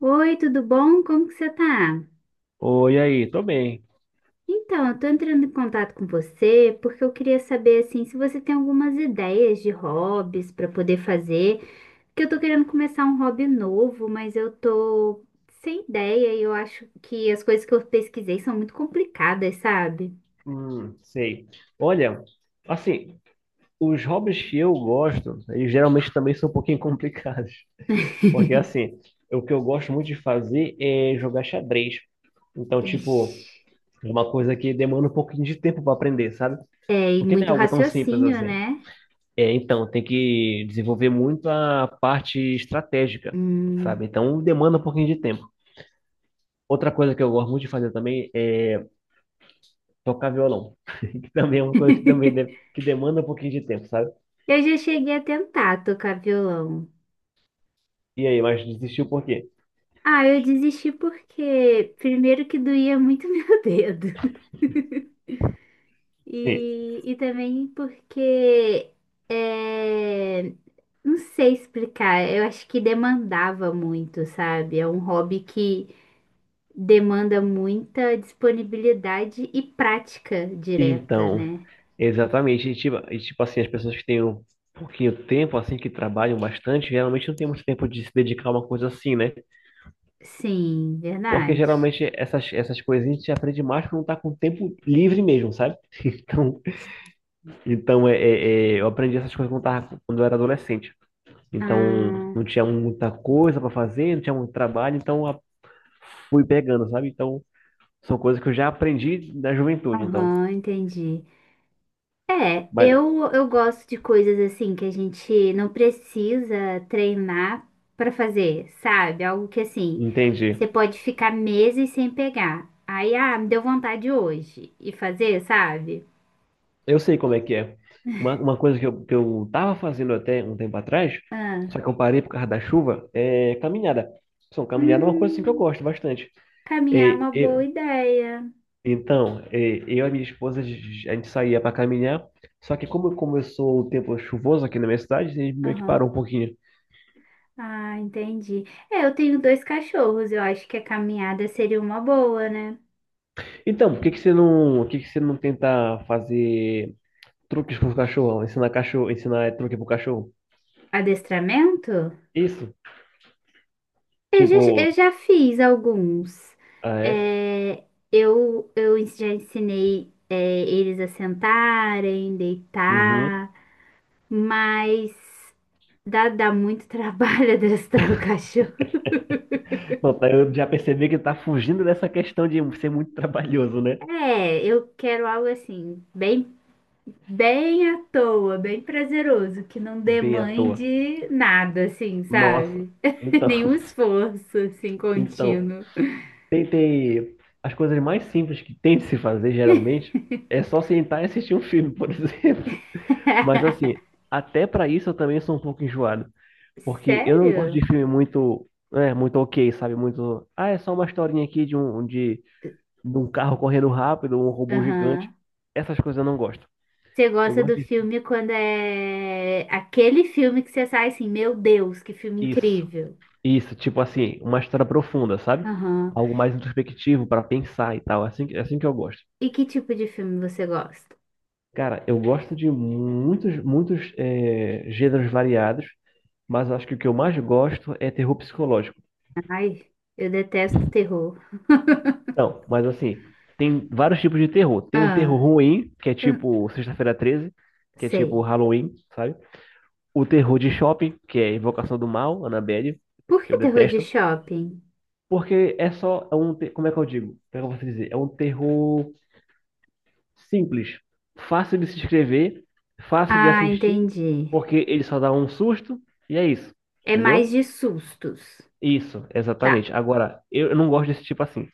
Oi, tudo bom? Como que você tá? Oi, aí, tô bem. Então, eu tô entrando em contato com você porque eu queria saber assim se você tem algumas ideias de hobbies para poder fazer, porque eu tô querendo começar um hobby novo, mas eu tô sem ideia e eu acho que as coisas que eu pesquisei são muito complicadas, sabe? Sei. Olha, assim, os hobbies que eu gosto, eles geralmente também são um pouquinho complicados. Porque, assim, o que eu gosto muito de fazer é jogar xadrez. Então, tipo, Ixi. é uma coisa que demanda um pouquinho de tempo para aprender, sabe? É, e Porque não é muito algo tão simples raciocínio, assim. né? É, então, tem que desenvolver muito a parte estratégica, sabe? Hum. Então, demanda um pouquinho de tempo. Outra coisa que eu gosto muito de fazer também é tocar violão, que também é uma coisa que também que demanda um pouquinho de tempo, sabe? Eu já cheguei a tentar tocar violão. E aí, mas desistiu por quê? Ah, eu desisti porque primeiro que doía muito meu dedo. Sim. E também porque, é, não sei explicar, eu acho que demandava muito, sabe? É um hobby que demanda muita disponibilidade e prática direta, Então, né? exatamente, e tipo assim, as pessoas que têm um pouquinho de tempo, assim, que trabalham bastante, geralmente não tem muito tempo de se dedicar a uma coisa assim, né? Sim, Porque verdade. geralmente essas coisinhas a gente aprende mais quando tá com tempo livre mesmo, sabe? Então, eu aprendi essas coisas quando eu era adolescente. Então, Ah, não tinha muita coisa para fazer, não tinha muito trabalho, fui pegando, sabe? Então, são coisas que eu já aprendi da juventude, então. aham, entendi. É, Mas, eu, eu gosto de coisas assim que a gente não precisa treinar pra fazer, sabe? Algo que assim, você entendi. pode ficar meses sem pegar. Aí, ah, me deu vontade hoje e fazer, sabe? Eu sei como é que é. Uma coisa que eu tava fazendo até um tempo atrás, só Ah, que eu parei por causa da chuva, é caminhada. São caminhada é uma coisa assim que eu hum, gosto bastante. caminhar é É, uma boa eu- ideia. então, é, eu e a minha esposa, a gente saía para caminhar, só que como começou o tempo chuvoso aqui na minha cidade, a gente meio que Aham. parou um pouquinho. Ah, entendi. É, eu tenho dois cachorros, eu acho que a caminhada seria uma boa, né? Então, por que que você não tenta fazer truques pro cachorro? Ensinar cachorro, ensinar truque pro cachorro? Adestramento? Isso. Eu já, Tipo, eu já fiz alguns. ah, é? É, já ensinei, é, eles a sentarem, Uhum. deitar, mas dá muito trabalho adestrar o cachorro. Não, tá, eu já percebi que tá fugindo dessa questão de ser muito trabalhoso, né? É, eu quero algo assim, bem, bem à toa, bem prazeroso, que não Bem à toa. demande nada, assim, Nossa. sabe? Então, Nenhum esforço, assim, então, contínuo. tentei. As coisas mais simples que tem de se fazer, geralmente, é só sentar e assistir um filme, por exemplo. Mas, assim, até pra isso eu também sou um pouco enjoado. Porque eu não gosto de Sério? filme muito. É, muito ok, sabe? Muito. Ah, é só uma historinha aqui de um carro correndo rápido, um robô gigante. Aham. Essas coisas eu não gosto. Você Eu gosta gosto do de... filme quando é aquele filme que você sai assim, meu Deus, que filme Isso, incrível. isso, tipo assim, uma história profunda, sabe? Aham. Algo mais introspectivo para pensar e tal. Assim, é assim que eu gosto. E que tipo de filme você gosta? Cara, eu gosto de muitos, muitos gêneros variados, mas eu acho que o que eu mais gosto é terror psicológico. Ai, eu detesto terror. Não, mas assim, tem vários tipos de terror. Tem um terror Ah, ruim, que é eu tipo Sexta-feira Treze, que é tipo sei. Halloween, sabe? O terror de shopping, que é Invocação do Mal, Annabelle, Por que eu que terror de detesto, shopping? porque é só é um, te- como é que eu digo? Como é que eu posso dizer? É um terror simples, fácil de se inscrever, fácil de Ah, assistir, entendi. porque ele só dá um susto e é isso, É mais entendeu? de sustos. Isso, Tá. exatamente. Agora, eu não gosto desse tipo assim.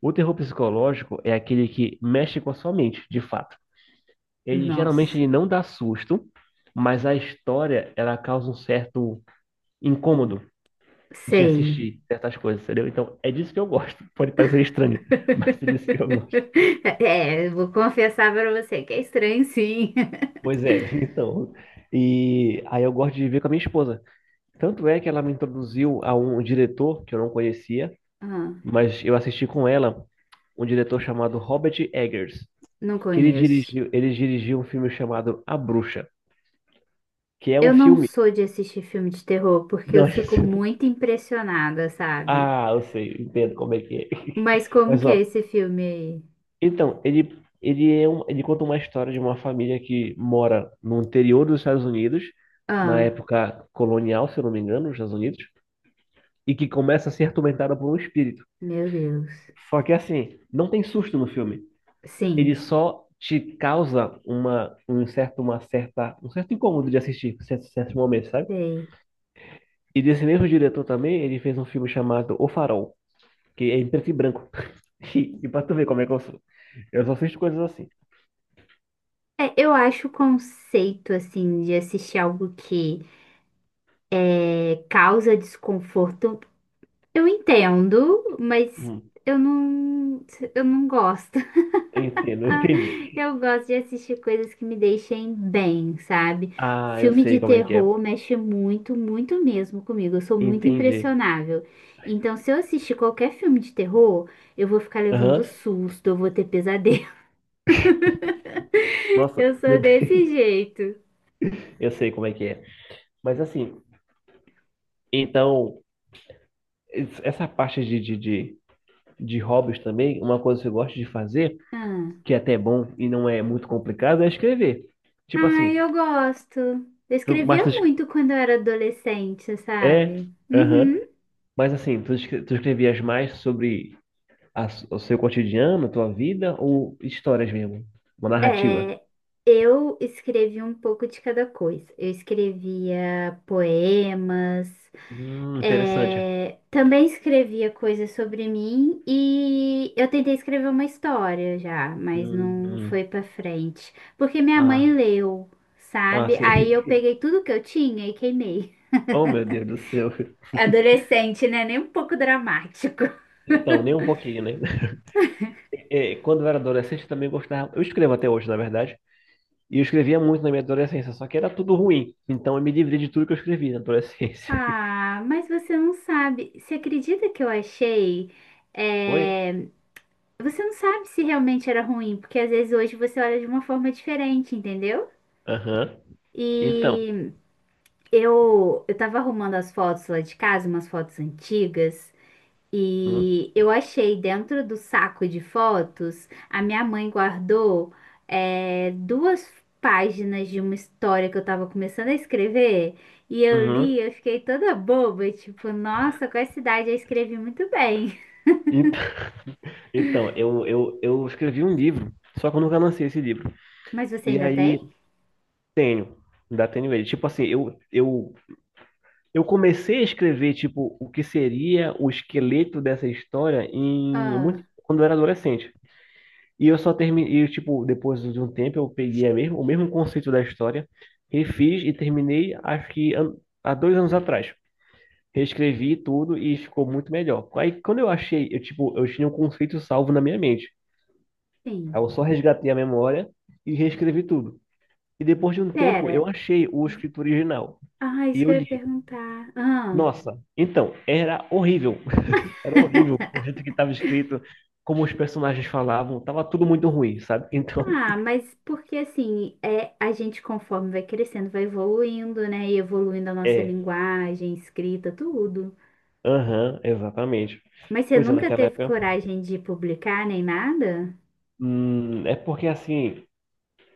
O terror psicológico é aquele que mexe com a sua mente, de fato. Ele geralmente Nossa, ele não dá susto, mas a história ela causa um certo incômodo de sei. assistir certas coisas, entendeu? Então, é disso que eu gosto. Pode parecer estranho, mas é disso que eu gosto. É, eu vou confessar pra você que é estranho, sim. Pois é, então. E aí eu gosto de ver com a minha esposa. Tanto é que ela me introduziu a um diretor que eu não conhecia, Ah, mas eu assisti com ela um diretor chamado Robert Eggers, não conheço. Ele dirigiu um filme chamado A Bruxa, que é um Eu não filme. sou de assistir filme de terror porque eu Não, fico muito impressionada, sabe? ah, eu sei, entendo como é que é. Mas como Mas que é ó, esse filme aí? então, ele é um, ele conta uma história de uma família que mora no interior dos Estados Unidos, na Ah, época colonial, se eu não me engano, nos Estados Unidos, e que começa a ser atormentada por um espírito. meu Deus. Só que assim, não tem susto no filme. Ele Sim, só te causa uma, um certo, uma certa, um certo incômodo de assistir certos momentos, sabe? sei. E desse mesmo diretor também, ele fez um filme chamado O Farol, que é em preto e branco. E, e pra tu ver como é que eu sou. Eu só assisto coisas assim. É, eu acho o conceito, assim, de assistir algo que causa desconforto, eu entendo, mas Hum. eu não, eu não gosto. Entendo, Ah, entendi. eu gosto de assistir coisas que me deixem bem, sabe? Ah, eu Filme de sei como é que é. terror mexe muito, muito mesmo comigo. Eu sou muito Entendi. impressionável. Então, se eu assistir qualquer filme de terror, eu vou ficar levando Aham. susto, eu vou ter pesadelo. Nossa, Eu sou meu Deus. desse jeito. Eu sei como é que é. Mas assim, então, essa parte de hobbies também, uma coisa que eu gosto de fazer Ah. que é até bom e não é muito complicado, é escrever. Tipo assim, Ai, eu gosto. Eu tu, mas escrevia tu, es- muito quando eu era adolescente, é, sabe? aham, Uhum. mas assim, tu escrevias mais sobre o seu cotidiano, tua vida ou histórias mesmo? Uma narrativa? É, eu escrevi um pouco de cada coisa. Eu escrevia poemas, Interessante. é, também escrevia coisas sobre mim e eu tentei escrever uma história já, mas Hum, não hum. foi pra frente, porque minha mãe Ah, leu, ah, sabe? Aí sim. eu peguei tudo que eu tinha e queimei. Oh, meu Deus do céu. Adolescente, né? Nem um pouco dramático. Então, nem um pouquinho, né? É, quando eu era adolescente, eu também gostava. Eu escrevo até hoje, na verdade. E eu escrevia muito na minha adolescência, só que era tudo ruim. Então eu me livrei de tudo que eu escrevi na adolescência. Ah, mas você não sabe. Você acredita que eu achei? Foi? É, você não sabe se realmente era ruim, porque às vezes hoje você olha de uma forma diferente, entendeu? Aham. Então. E eu tava arrumando as fotos lá de casa, umas fotos antigas, Hum, e eu achei dentro do saco de fotos, a minha mãe guardou, é, duas páginas de uma história que eu tava começando a escrever, e eu uhum. li, eu fiquei toda boba, tipo, nossa, com essa idade eu escrevi muito bem. Ent- Então, eu escrevi um livro, só que eu nunca lancei esse livro. Mas você E ainda aí, tem? tenho, ainda tenho ele. Tipo assim, eu comecei a escrever, tipo, o que seria o esqueleto dessa história em, muito, Ah, quando eu era adolescente. E eu só terminei, e, tipo, depois de um tempo, eu peguei o mesmo conceito da história, refiz e terminei, acho que há 2 anos atrás. Reescrevi tudo e ficou muito melhor. Aí quando eu achei, eu tipo, eu tinha um conceito salvo na minha mente. sim. Aí eu só resgatei a memória e reescrevi tudo. E depois de um tempo eu Pera, achei o escrito original ah, e isso que eu eu ia li. perguntar. Ah. Nossa, então, era horrível. Era horrível o jeito que estava escrito, como os personagens falavam, tava tudo muito ruim, sabe? Então, Ah, mas porque assim, é, a gente conforme vai crescendo, vai evoluindo, né? E evoluindo a nossa é, linguagem, escrita, tudo. aham, exatamente. Mas você Pois é, nunca naquela teve época, coragem de publicar nem nada? É porque assim,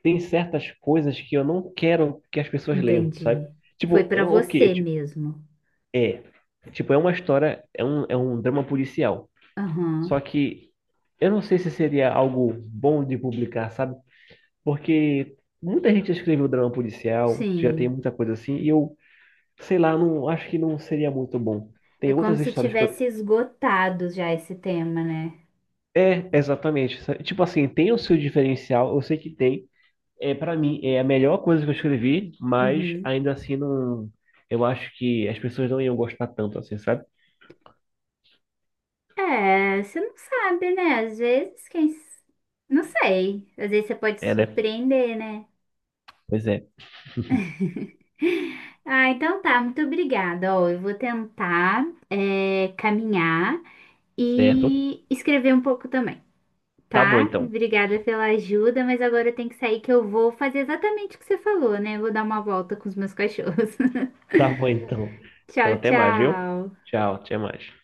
tem certas coisas que eu não quero que as pessoas leiam, sabe? Entendi. Foi Tipo, pra eu, ok, é você tipo, mesmo. é. Tipo, é uma história, é um drama policial. Só Aham. que eu não sei se seria algo bom de publicar, sabe? Porque muita gente já escreveu drama policial, já tem Sim. muita coisa assim, e eu, sei lá, não acho que não seria muito bom. É Tem como outras se histórias que tivesse eu... esgotado já esse tema, né? É, exatamente, sabe? Tipo assim, tem o seu diferencial, eu sei que tem. É, para mim, é a melhor coisa que eu escrevi, mas Uhum. ainda assim não. Eu acho que as pessoas não iam gostar tanto assim, sabe? É, você não sabe, né? Às vezes, quem. S- não sei. Às vezes você pode se É, né? surpreender, né? Pois é. Ah, então tá, muito obrigada. Ó, eu vou tentar, é, caminhar Certo. e escrever um pouco também, Tá bom tá? então. Obrigada pela ajuda, mas agora eu tenho que sair que eu vou fazer exatamente o que você falou, né? Vou dar uma volta com os meus cachorros. Tá bom então. Então Tchau, até mais, viu? tchau. Tchau, até mais.